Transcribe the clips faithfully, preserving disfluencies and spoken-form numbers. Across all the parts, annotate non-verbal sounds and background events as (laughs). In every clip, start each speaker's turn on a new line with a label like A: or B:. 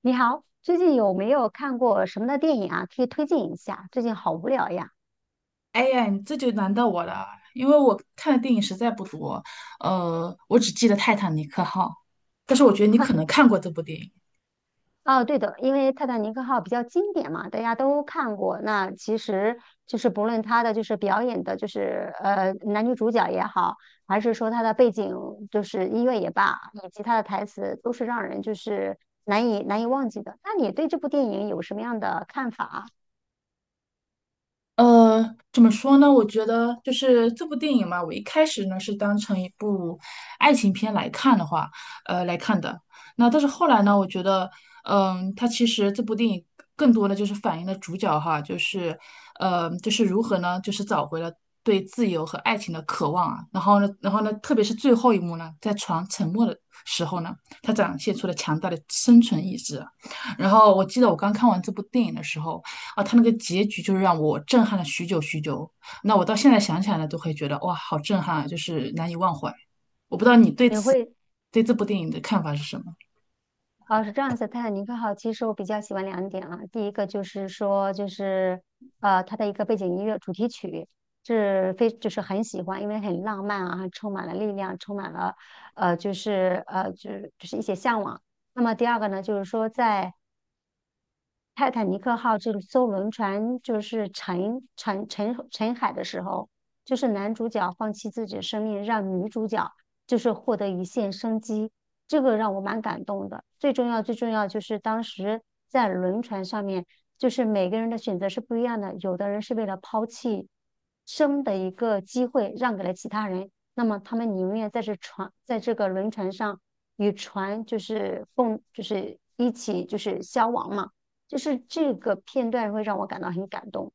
A: 你好，最近有没有看过什么的电影啊？可以推荐一下。最近好无聊呀。
B: 哎呀，你这就难到我了，因为我看的电影实在不多，呃，我只记得《泰坦尼克号》，但是我觉得你可能
A: (laughs)
B: 看过这部电影。
A: 哦，对的，因为《泰坦尼克号》比较经典嘛，大家都看过。那其实就是不论它的就是表演的，就是呃男女主角也好，还是说它的背景就是音乐也罢，以及它的台词，都是让人就是难以难以忘记的。那你对这部电影有什么样的看法啊？
B: 呃，怎么说呢？我觉得就是这部电影嘛，我一开始呢是当成一部爱情片来看的话，呃，来看的。那但是后来呢，我觉得，嗯、它其实这部电影更多的就是反映了主角哈，就是，呃，就是如何呢，就是找回了对自由和爱情的渴望啊。然后呢，然后呢，特别是最后一幕呢，在船沉没的时候呢，他展现出了强大的生存意志啊。然后我记得我刚看完这部电影的时候，啊，他那个结局就是让我震撼了许久许久。那我到现在想起来呢，都会觉得哇，好震撼啊，就是难以忘怀。我不知道你对
A: 你会
B: 对这部电影的看法是什么？
A: 哦，是这样子，《泰坦尼克号》其实我比较喜欢两点啊。第一个就是说，就是呃，它的一个背景音乐主题曲是非就是很喜欢，因为很浪漫啊，充满了力量，充满了呃，就是呃，就是就是一些向往。那么第二个呢，就是说在泰坦尼克号这艘轮船就是沉沉沉沉海的时候，就是男主角放弃自己的生命，让女主角就是获得一线生机，这个让我蛮感动的。最重要最重要就是当时在轮船上面，就是每个人的选择是不一样的，有的人是为了抛弃生的一个机会让给了其他人，那么他们宁愿在这船在这个轮船上与船就是共就是一起就是消亡嘛。就是这个片段会让我感到很感动。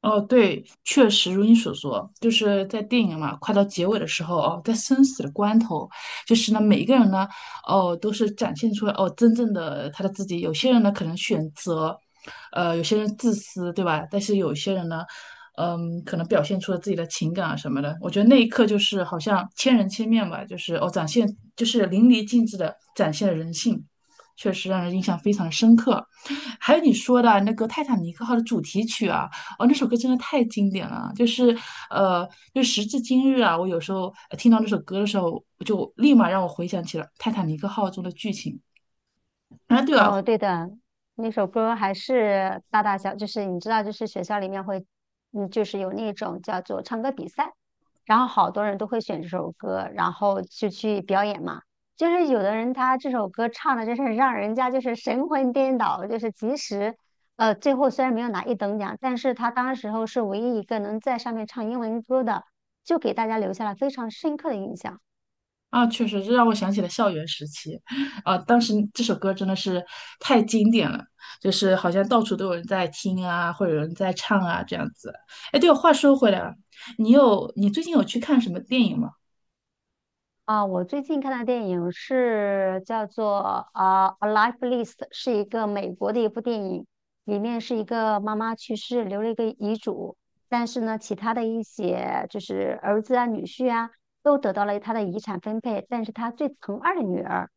B: 哦，对，确实如你所说，就是在电影嘛，快到结尾的时候哦，在生死的关头，就是呢，每一个人呢，哦，都是展现出来哦，真正的他的自己。有些人呢，可能选择，呃，有些人自私，对吧？但是有些人呢，嗯，可能表现出了自己的情感啊什么的。我觉得那一刻就是好像千人千面吧，就是哦，展现就是淋漓尽致的展现了人性，确实让人印象非常的深刻。还有你说的那个《泰坦尼克号》的主题曲啊，哦，那首歌真的太经典了，就是呃，就时至今日啊，我有时候呃听到那首歌的时候，就立马让我回想起了《泰坦尼克号》中的剧情。啊，对啊。
A: 哦，对的，那首歌还是大大小，就是你知道，就是学校里面会，嗯，就是有那种叫做唱歌比赛，然后好多人都会选这首歌，然后就去表演嘛。就是有的人他这首歌唱的，就是让人家就是神魂颠倒，就是即使，呃，最后虽然没有拿一等奖，但是他当时候是唯一一个能在上面唱英文歌的，就给大家留下了非常深刻的印象。
B: 啊，确实这让我想起了校园时期，啊，当时这首歌真的是太经典了，就是好像到处都有人在听啊，或者有人在唱啊这样子。哎，对了，话说回来了，你有你最近有去看什么电影吗？
A: 啊，我最近看的电影是叫做啊《A Life List》，是一个美国的一部电影，里面是一个妈妈去世留了一个遗嘱，但是呢，其他的一些就是儿子啊、女婿啊，都得到了他的遗产分配，但是他最疼爱的女儿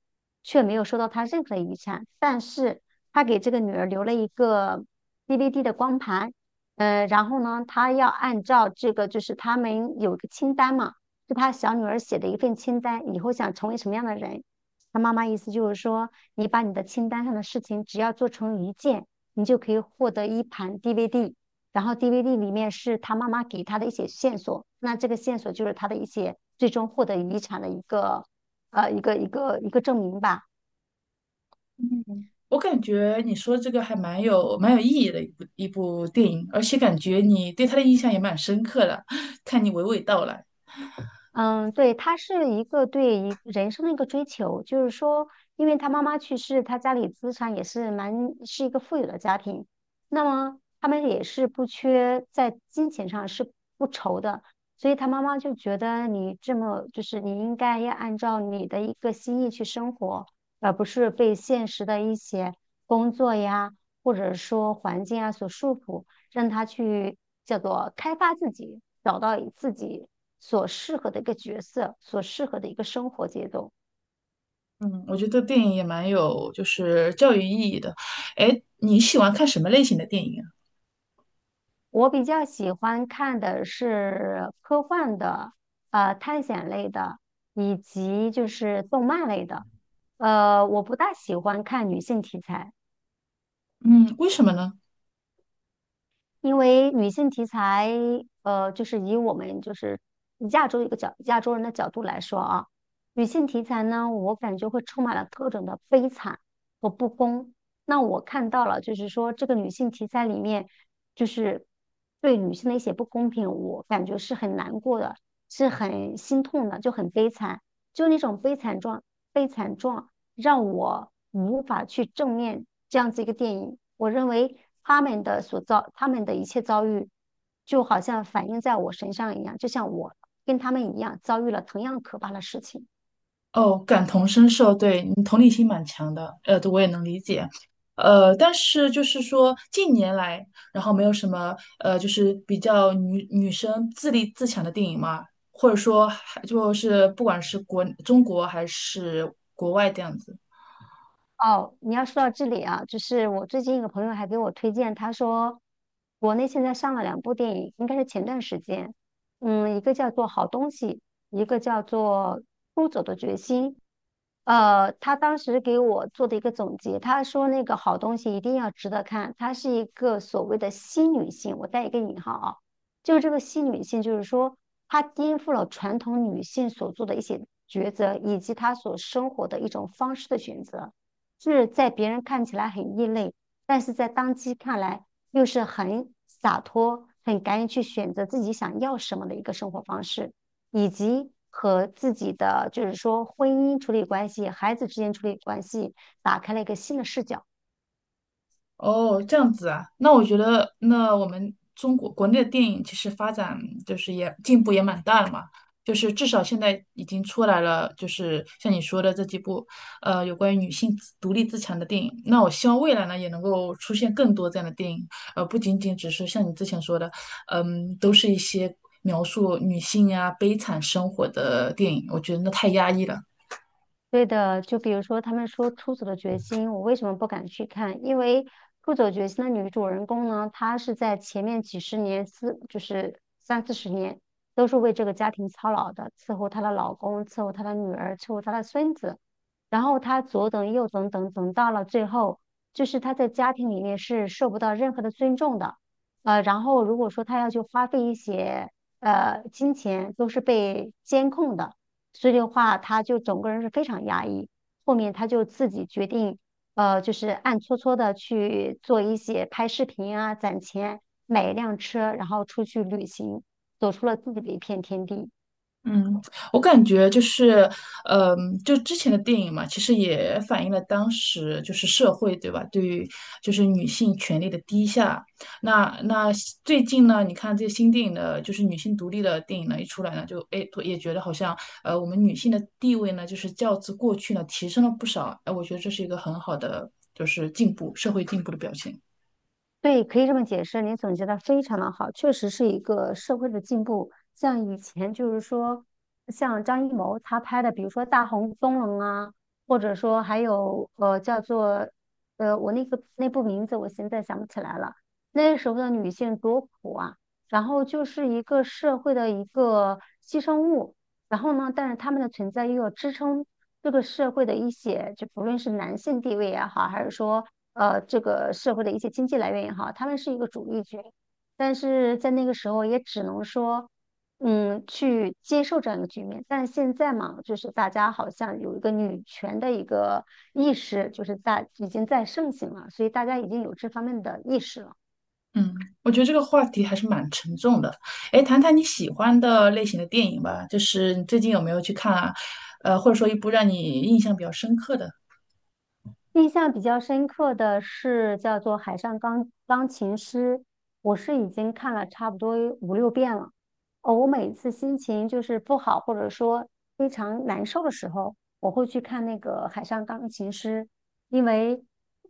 A: 却没有收到他任何的遗产，但是他给这个女儿留了一个 D V D 的光盘，呃，然后呢，他要按照这个就是他们有一个清单嘛。是他小女儿写的一份清单，以后想成为什么样的人。他妈妈意思就是说，你把你的清单上的事情只要做成一件，你就可以获得一盘 D V D。然后 D V D 里面是他妈妈给他的一些线索，那这个线索就是他的一些最终获得遗产的一个呃一个一个一个证明吧。
B: 我感觉你说这个还蛮有蛮有意义的一部一部电影，而且感觉你对他的印象也蛮深刻的，(laughs) 看你娓娓道来。
A: 嗯，对，他是一个对一人生的一个追求，就是说，因为他妈妈去世，他家里资产也是蛮是一个富有的家庭，那么他们也是不缺在金钱上是不愁的，所以他妈妈就觉得你这么就是你应该要按照你的一个心意去生活，而不是被现实的一些工作呀，或者说环境啊所束缚。让他去叫做开发自己，找到自己所适合的一个角色，所适合的一个生活节奏。
B: 嗯，我觉得电影也蛮有就是教育意义的。哎，你喜欢看什么类型的电影啊？
A: 我比较喜欢看的是科幻的、呃探险类的，以及就是动漫类的。呃，我不大喜欢看女性题材。
B: 嗯，为什么呢？
A: 因为女性题材，呃，就是以我们就是亚洲一个角亚洲人的角度来说啊，女性题材呢，我感觉会充满了各种的悲惨和不公。那我看到了，就是说这个女性题材里面，就是对女性的一些不公平，我感觉是很难过的，是很心痛的，就很悲惨，就那种悲惨状悲惨状。让我无法去正面这样子一个电影。我认为他们的所遭，他们的一切遭遇，就好像反映在我身上一样，就像我跟他们一样遭遇了同样可怕的事情。
B: 哦，感同身受，对你同理心蛮强的，呃，我也能理解，呃，但是就是说近年来，然后没有什么呃，就是比较女女生自立自强的电影嘛，或者说还就是不管是国中国还是国外这样子。
A: 哦，你要说到这里啊，就是我最近一个朋友还给我推荐，他说国内现在上了两部电影，应该是前段时间，嗯，一个叫做《好东西》，一个叫做《出走的决心》。呃，他当时给我做的一个总结，他说那个好东西一定要值得看，它是一个所谓的新女性，我带一个引号啊，就是这个新女性，就是说她颠覆了传统女性所做的一些抉择，以及她所生活的一种方式的选择。是在别人看起来很异类，但是在当机看来又是很洒脱、很敢于去选择自己想要什么的一个生活方式，以及和自己的就是说婚姻处理关系、孩子之间处理关系，打开了一个新的视角。
B: 哦，这样子啊，那我觉得，那我们中国国内的电影其实发展就是也进步也蛮大的嘛，就是至少现在已经出来了，就是像你说的这几部，呃，有关于女性自独立自强的电影。那我希望未来呢，也能够出现更多这样的电影，呃，不仅仅只是像你之前说的，嗯，都是一些描述女性呀、悲惨生活的电影，我觉得那太压抑了。
A: 对的，就比如说他们说《出走的决心》，我为什么不敢去看？因为《出走决心》的女主人公呢，她是在前面几十年，四就是三四十年，都是为这个家庭操劳的，伺候她的老公，伺候她的女儿，伺候她的孙子，然后她左等右等等等到了最后，就是她在家庭里面是受不到任何的尊重的，呃，然后如果说她要去花费一些呃金钱，都是被监控的。所以的话，他就整个人是非常压抑。后面他就自己决定，呃，就是暗搓搓的去做一些拍视频啊，攒钱买一辆车，然后出去旅行，走出了自己的一片天地。
B: 嗯，我感觉就是，嗯，就之前的电影嘛，其实也反映了当时就是社会，对吧？对于就是女性权利的低下。那那最近呢，你看这些新电影的，就是女性独立的电影呢，一出来呢，就哎也觉得好像，呃，我们女性的地位呢，就是较之过去呢提升了不少。哎，我觉得这是一个很好的，就是进步，社会进步的表现。
A: 对，可以这么解释，你总结的非常的好，确实是一个社会的进步。像以前就是说，像张艺谋他拍的，比如说《大红灯笼》啊，或者说还有呃叫做呃我那个那部名字我现在想不起来了。那时候的女性多苦啊，然后就是一个社会的一个牺牲物，然后呢，但是她们的存在又要支撑这个社会的一些，就不论是男性地位也好，还是说呃这个社会的一些经济来源也好，他们是一个主力军，但是在那个时候也只能说，嗯，去接受这样一个局面。但是现在嘛，就是大家好像有一个女权的一个意识，就是在已经在盛行了，所以大家已经有这方面的意识了。
B: 嗯，我觉得这个话题还是蛮沉重的。哎，谈谈你喜欢的类型的电影吧，就是你最近有没有去看啊？呃，或者说一部让你印象比较深刻的？
A: 印象比较深刻的是叫做《海上钢钢琴师》，我是已经看了差不多五六遍了。哦，我每次心情就是不好，或者说非常难受的时候，我会去看那个《海上钢琴师》，因为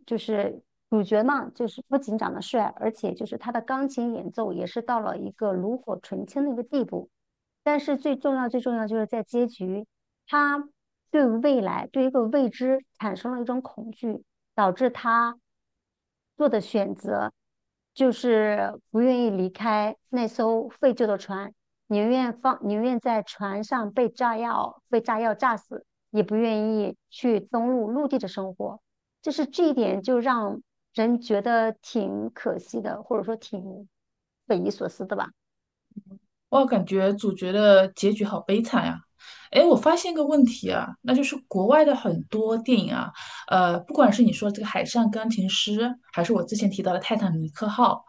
A: 就是主角嘛，就是不仅长得帅，而且就是他的钢琴演奏也是到了一个炉火纯青的一个地步。但是最重要、最重要就是在结局。他对未来，对一个未知产生了一种恐惧，导致他做的选择就是不愿意离开那艘废旧的船，宁愿放，宁愿在船上被炸药，被炸药炸死，也不愿意去登陆陆地的生活。就是这一点，就让人觉得挺可惜的，或者说挺匪夷所思的吧。
B: 哇，感觉主角的结局好悲惨呀、哎，我发现个问题啊，那就是国外的很多电影啊，呃，不管是你说这个《海上钢琴师》，还是我之前提到的《泰坦尼克号》，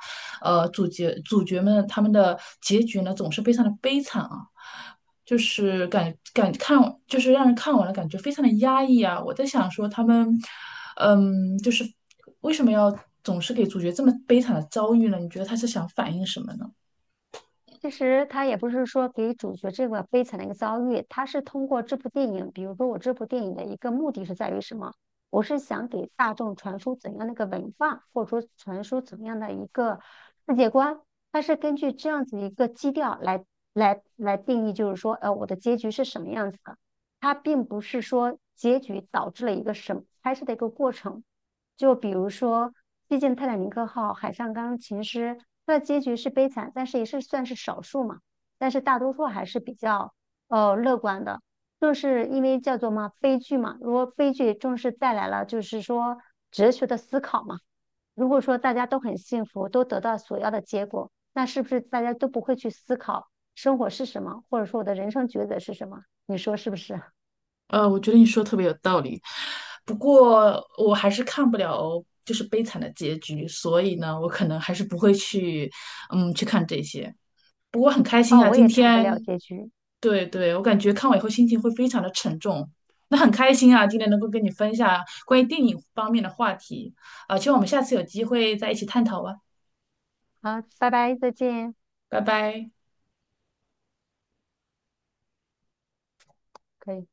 B: 呃，主角主角们他们的结局呢，总是非常的悲惨啊，就是感感看，就是让人看完了感觉非常的压抑啊。我在想说他们，嗯，就是为什么要总是给主角这么悲惨的遭遇呢？你觉得他是想反映什么呢？
A: 其实他也不是说给主角这个悲惨的一个遭遇，他是通过这部电影，比如说我这部电影的一个目的是在于什么？我是想给大众传输怎样的一个文化，或者说传输怎样的一个世界观。它是根据这样子一个基调来来来定义，就是说，呃，我的结局是什么样子的。它并不是说结局导致了一个什么拍摄的一个过程，就比如说，毕竟《泰坦尼克号》海上钢琴师，它的结局是悲惨，但是也是算是少数嘛。但是大多数还是比较呃乐观的，正是因为叫做嘛悲剧嘛。如果悲剧正是带来了就是说哲学的思考嘛。如果说大家都很幸福，都得到所要的结果，那是不是大家都不会去思考生活是什么，或者说我的人生抉择是什么？你说是不是？
B: 呃，我觉得你说的特别有道理，不过我还是看不了就是悲惨的结局，所以呢，我可能还是不会去，嗯，去看这些。不过很开
A: (laughs)
B: 心
A: 哦，
B: 啊，
A: 我
B: 今
A: 也看不了
B: 天，
A: 结局。
B: 对对，我感觉看完以后心情会非常的沉重。那很开心啊，今天能够跟你分享关于电影方面的话题，啊，希望我们下次有机会再一起探讨吧，
A: 好，拜拜，再见。
B: 拜拜。
A: 可以。